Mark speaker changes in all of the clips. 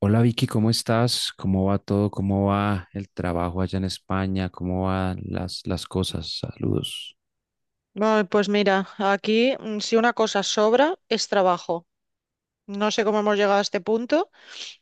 Speaker 1: Hola Vicky, ¿cómo estás? ¿Cómo va todo? ¿Cómo va el trabajo allá en España? ¿Cómo van las cosas? Saludos.
Speaker 2: Ay, pues mira, aquí si una cosa sobra es trabajo. No sé cómo hemos llegado a este punto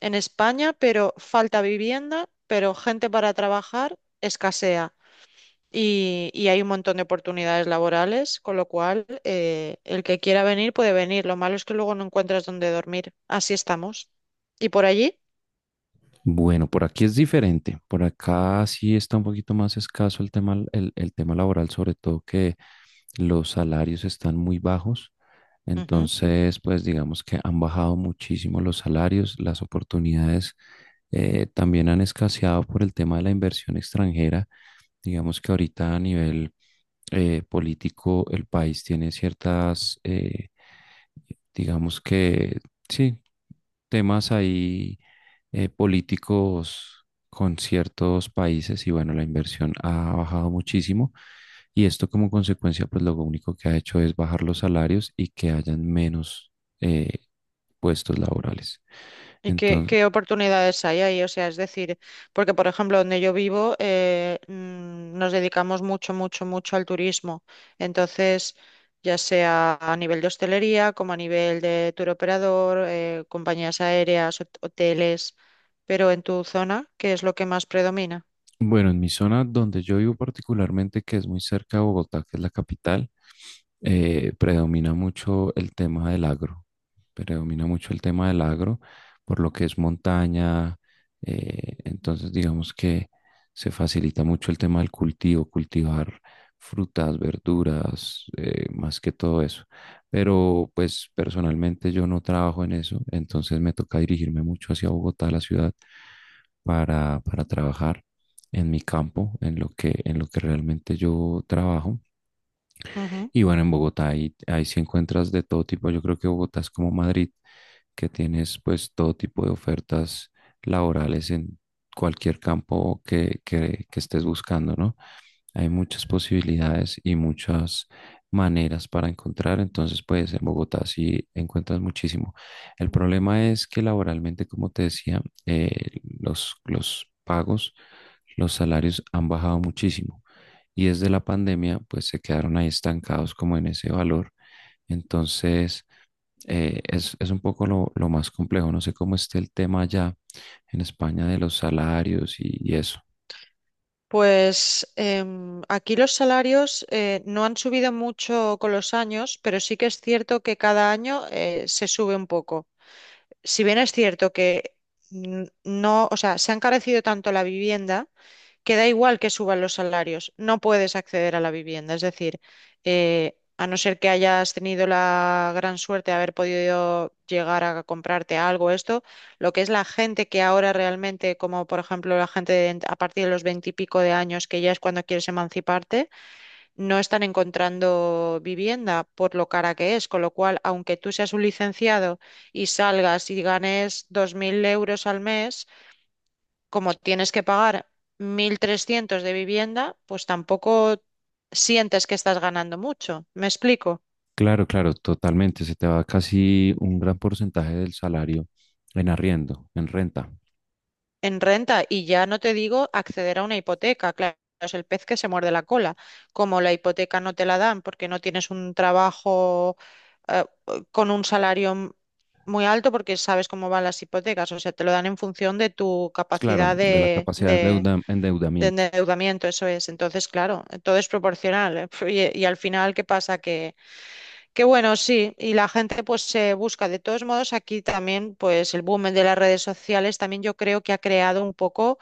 Speaker 2: en España, pero falta vivienda, pero gente para trabajar escasea. Y hay un montón de oportunidades laborales, con lo cual el que quiera venir puede venir. Lo malo es que luego no encuentras dónde dormir. Así estamos. ¿Y por allí?
Speaker 1: Bueno, por aquí es diferente. Por acá sí está un poquito más escaso el tema, el tema laboral, sobre todo que los salarios están muy bajos. Entonces, pues digamos que han bajado muchísimo los salarios, las oportunidades también han escaseado por el tema de la inversión extranjera. Digamos que ahorita a nivel político, el país tiene ciertas, digamos que, sí, temas ahí políticos con ciertos países y bueno, la inversión ha bajado muchísimo y esto como consecuencia, pues lo único que ha hecho es bajar los salarios y que hayan menos eh, puestos laborales.
Speaker 2: ¿Y qué,
Speaker 1: Entonces,
Speaker 2: qué oportunidades hay ahí? O sea, es decir, porque por ejemplo, donde yo vivo, nos dedicamos mucho, mucho, mucho al turismo. Entonces, ya sea a nivel de hostelería, como a nivel de tour operador, compañías aéreas, hoteles, pero en tu zona, ¿qué es lo que más predomina?
Speaker 1: bueno, en mi zona donde yo vivo particularmente, que es muy cerca de Bogotá, que es la capital, predomina mucho el tema del agro. Predomina mucho el tema del agro, por lo que es montaña. Entonces, digamos que se facilita mucho el tema del cultivo, cultivar frutas, verduras, más que todo eso. Pero pues personalmente yo no trabajo en eso, entonces me toca dirigirme mucho hacia Bogotá, la ciudad, para trabajar en mi campo, en lo que realmente yo trabajo.
Speaker 2: Ujú.
Speaker 1: Y bueno, en Bogotá ahí sí encuentras de todo tipo. Yo creo que Bogotá es como Madrid, que tienes pues todo tipo de ofertas laborales en cualquier campo que estés buscando, ¿no? Hay muchas posibilidades y muchas maneras para encontrar, entonces pues en Bogotá si encuentras muchísimo. El problema es que laboralmente, como te decía, los pagos, los salarios han bajado muchísimo y desde la pandemia pues se quedaron ahí estancados como en ese valor. Entonces es un poco lo más complejo, no sé cómo esté el tema allá en España de los salarios y eso.
Speaker 2: Pues aquí los salarios no han subido mucho con los años, pero sí que es cierto que cada año se sube un poco. Si bien es cierto que no, o sea, se ha encarecido tanto la vivienda que da igual que suban los salarios, no puedes acceder a la vivienda. Es decir, a no ser que hayas tenido la gran suerte de haber podido llegar a comprarte algo, esto, lo que es la gente que ahora realmente, como por ejemplo la a partir de los veintipico de años, que ya es cuando quieres emanciparte, no están encontrando vivienda por lo cara que es, con lo cual, aunque tú seas un licenciado y salgas y ganes 2.000 euros al mes, como tienes que pagar 1.300 de vivienda, pues tampoco sientes que estás ganando mucho. ¿Me explico?
Speaker 1: Claro, claro, totalmente. Se te va casi un gran porcentaje del salario en arriendo, en renta.
Speaker 2: En renta y ya no te digo acceder a una hipoteca, claro, es el pez que se muerde la cola. Como la hipoteca no te la dan porque no tienes un trabajo eh, con un muy alto, porque sabes cómo van las hipotecas, o sea, te lo dan en función de tu
Speaker 1: Claro,
Speaker 2: capacidad
Speaker 1: de la
Speaker 2: de,
Speaker 1: capacidad de
Speaker 2: de- de-
Speaker 1: endeudamiento.
Speaker 2: endeudamiento, eso es. Entonces, claro, todo es proporcional. ¿Eh? Y al final, ¿qué pasa? Que bueno, sí, y la gente pues se busca. De todos modos, aquí también, pues el boom de las redes sociales también yo creo que ha creado un poco,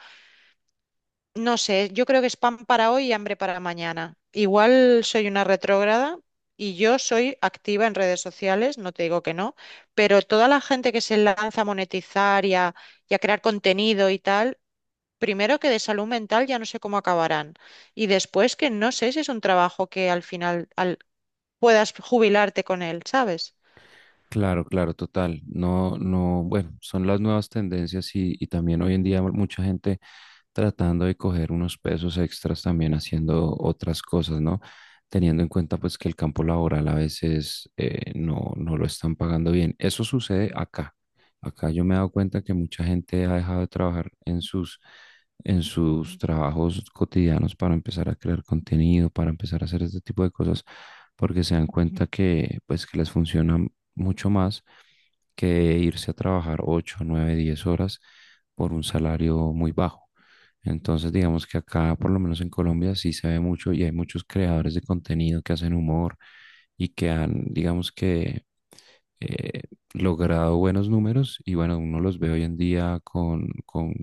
Speaker 2: no sé, yo creo que es pan para hoy y hambre para mañana. Igual soy una retrógrada y yo soy activa en redes sociales, no te digo que no, pero toda la gente que se lanza a monetizar y a crear contenido y tal, primero que de salud mental ya no sé cómo acabarán y después que no sé si es un trabajo que al final puedas jubilarte con él, ¿sabes?
Speaker 1: Claro, claro, total. No, no, bueno, son las nuevas tendencias y también hoy en día mucha gente tratando de coger unos pesos extras también haciendo otras cosas, ¿no? Teniendo en cuenta pues que el campo laboral a veces no lo están pagando bien. Eso sucede acá. Acá yo me he dado cuenta que mucha gente ha dejado de trabajar en en sus trabajos cotidianos para empezar a crear contenido, para empezar a hacer este tipo de cosas, porque se dan cuenta que pues que les funciona mucho más que irse a trabajar 8 9 10 horas por un salario muy bajo. Entonces, digamos que acá, por lo menos en Colombia, sí se ve mucho y hay muchos creadores de contenido que hacen humor y que han, digamos que, eh, logrado buenos números y bueno, uno los ve hoy en día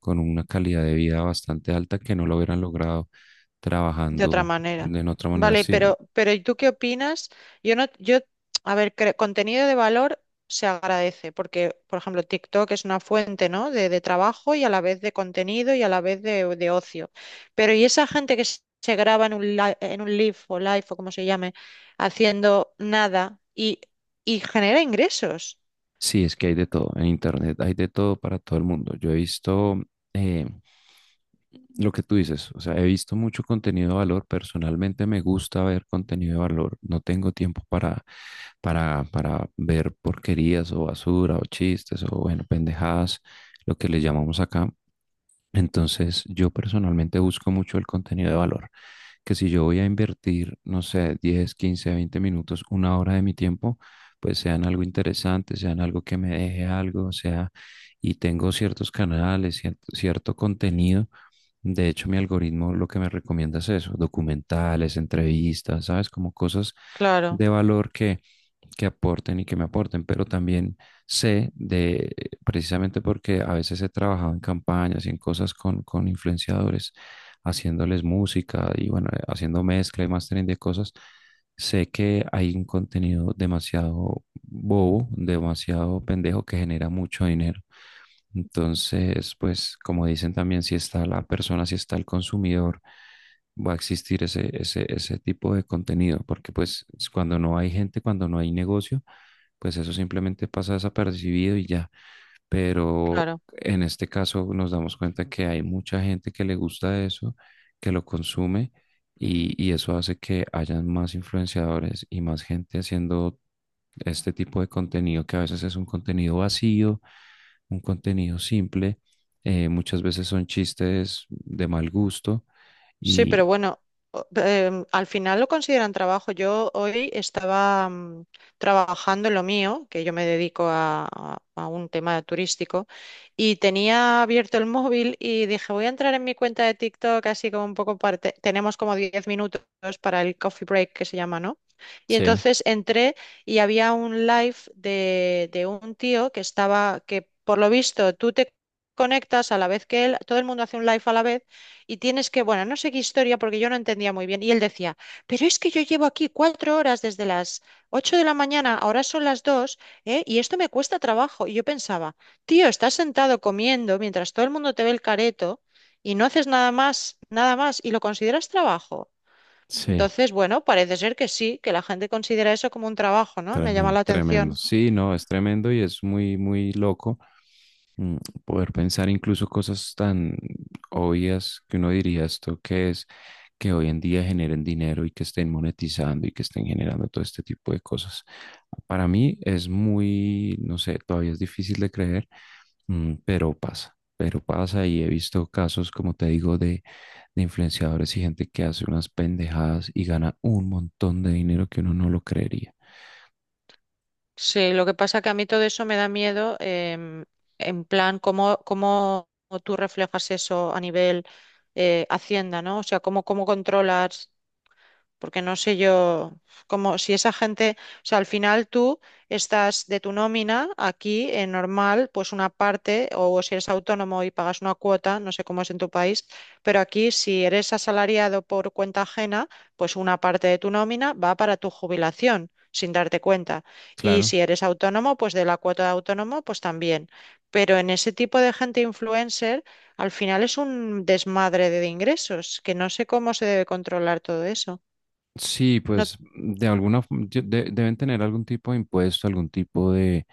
Speaker 1: con una calidad de vida bastante alta que no lo hubieran logrado
Speaker 2: De otra
Speaker 1: trabajando
Speaker 2: manera.
Speaker 1: de en otra manera.
Speaker 2: Vale,
Speaker 1: Sí,
Speaker 2: pero ¿y tú qué opinas? Yo no, yo, a ver, contenido de valor se agradece, porque, por ejemplo, TikTok es una fuente, ¿no? De trabajo y a la vez de contenido y a la vez de ocio. Pero ¿y esa gente que se graba en un, en un live o live o como se llame, haciendo nada y genera ingresos?
Speaker 1: sí, es que hay de todo en Internet, hay de todo para todo el mundo. Yo he visto... eh, lo que tú dices, o sea, he visto mucho contenido de valor, personalmente me gusta ver contenido de valor, no tengo tiempo para ver porquerías o basura o chistes o bueno, pendejadas, lo que le llamamos acá. Entonces, yo personalmente busco mucho el contenido de valor, que si yo voy a invertir, no sé, 10, 15, 20 minutos, una hora de mi tiempo, pues sean algo interesante, sean algo que me deje algo, o sea, y tengo ciertos canales, cierto contenido. De hecho, mi algoritmo lo que me recomienda es eso, documentales, entrevistas, ¿sabes? Como cosas
Speaker 2: Claro,
Speaker 1: de valor que aporten y que me aporten, pero también sé de, precisamente porque a veces he trabajado en campañas y en cosas con influenciadores, haciéndoles música y bueno, haciendo mezcla y mastering de cosas, sé que hay un contenido demasiado bobo, demasiado pendejo que genera mucho dinero. Entonces, pues como dicen también, si está la persona, si está el consumidor, va a existir ese tipo de contenido, porque pues cuando no hay gente, cuando no hay negocio, pues eso simplemente pasa desapercibido y ya. Pero
Speaker 2: claro.
Speaker 1: en este caso nos damos cuenta que hay mucha gente que le gusta eso, que lo consume y eso hace que hayan más influenciadores y más gente haciendo este tipo de contenido que a veces es un contenido vacío, un contenido simple. Muchas veces son chistes de mal gusto
Speaker 2: Sí,
Speaker 1: y
Speaker 2: pero bueno, al final lo consideran trabajo. Yo hoy estaba trabajando en lo mío, que yo me dedico a un tema turístico, y tenía abierto el móvil y dije, voy a entrar en mi cuenta de TikTok, así como un poco parte. Tenemos como 10 minutos para el coffee break que se llama, ¿no? Y
Speaker 1: sí,
Speaker 2: entonces entré y había un live de un tío que estaba, que por lo visto tú te conectas a la vez que él, todo el mundo hace un live a la vez y tienes que, bueno, no sé qué historia porque yo no entendía muy bien. Y él decía, pero es que yo llevo aquí 4 horas desde las 8 de la mañana, ahora son las 2, ¿eh? Y esto me cuesta trabajo. Y yo pensaba, tío, estás sentado comiendo mientras todo el mundo te ve el careto y no haces nada más, nada más, y lo consideras trabajo.
Speaker 1: sí,
Speaker 2: Entonces, bueno, parece ser que sí, que la gente considera eso como un trabajo, ¿no? Me llama la
Speaker 1: tremendo, tremendo.
Speaker 2: atención.
Speaker 1: Sí, no, es tremendo y es muy, muy loco mm, poder pensar incluso cosas tan obvias que uno diría esto que es que hoy en día generen dinero y que estén monetizando y que estén generando todo este tipo de cosas. Para mí es muy, no sé, todavía es difícil de creer. Mm, pero pasa y he visto casos, como te digo, de influenciadores y gente que hace unas pendejadas y gana un montón de dinero que uno no lo creería.
Speaker 2: Sí, lo que pasa que a mí todo eso me da miedo, en plan, cómo tú reflejas eso a nivel Hacienda, ¿no? O sea, cómo controlas porque no sé yo, como si esa gente, o sea, al final tú estás de tu nómina aquí en normal, pues una parte, o si eres autónomo y pagas una cuota, no sé cómo es en tu país, pero aquí si eres asalariado por cuenta ajena, pues una parte de tu nómina va para tu jubilación, sin darte cuenta. Y
Speaker 1: Claro.
Speaker 2: si eres autónomo, pues de la cuota de autónomo, pues también. Pero en ese tipo de gente influencer, al final es un desmadre de ingresos, que no sé cómo se debe controlar todo eso.
Speaker 1: Sí,
Speaker 2: No,
Speaker 1: pues de alguna, deben tener algún tipo de impuesto, algún tipo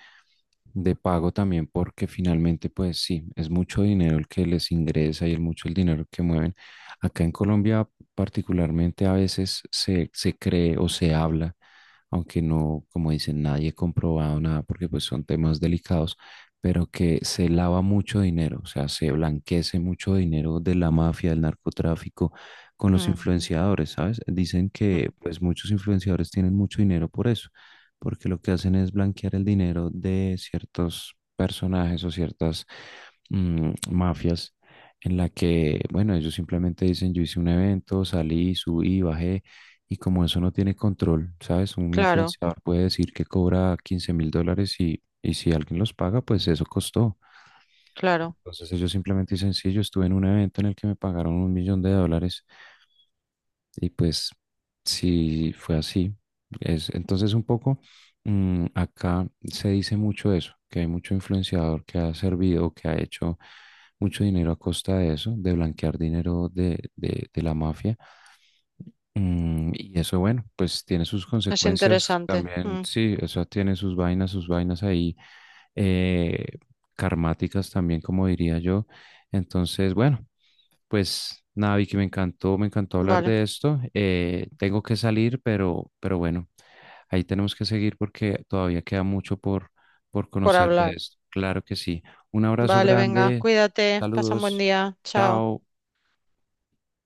Speaker 1: de pago también porque finalmente pues sí, es mucho dinero el que les ingresa y es mucho el dinero que mueven. Acá en Colombia particularmente a veces se cree o se habla, aunque no, como dicen, nadie comprobado nada porque pues son temas delicados, pero que se lava mucho dinero, o sea, se blanquece mucho dinero de la mafia, del narcotráfico con los
Speaker 2: mm,
Speaker 1: influenciadores, ¿sabes? Dicen
Speaker 2: mm,
Speaker 1: que pues muchos influenciadores tienen mucho dinero por eso porque lo que hacen es blanquear el dinero de ciertos personajes o ciertas mafias en la que, bueno, ellos simplemente dicen, yo hice un evento, salí, subí, bajé, y como eso no tiene control, ¿sabes? Un
Speaker 2: claro,
Speaker 1: influenciador puede decir que cobra 15.000 dólares y si alguien los paga, pues eso costó.
Speaker 2: claro.
Speaker 1: Entonces ellos simplemente dicen, sí, yo estuve en un evento en el que me pagaron 1.000.000 de dólares. Y pues sí fue así. Es, entonces un poco acá se dice mucho eso, que hay mucho influenciador que ha servido, que ha hecho mucho dinero a costa de eso, de blanquear dinero de la mafia. Mm, y eso, bueno, pues tiene sus
Speaker 2: Es
Speaker 1: consecuencias
Speaker 2: interesante.
Speaker 1: también,
Speaker 2: Mm,
Speaker 1: sí, eso tiene sus vainas ahí, eh, karmáticas también, como diría yo. Entonces, bueno. Pues nada, Vicky, me encantó hablar
Speaker 2: vale,
Speaker 1: de esto. Tengo que salir, pero bueno, ahí tenemos que seguir porque todavía queda mucho por
Speaker 2: por
Speaker 1: conocer de
Speaker 2: hablar.
Speaker 1: esto. Claro que sí. Un abrazo
Speaker 2: Vale, venga,
Speaker 1: grande,
Speaker 2: cuídate, pasa un buen
Speaker 1: saludos,
Speaker 2: día. Chao.
Speaker 1: chao.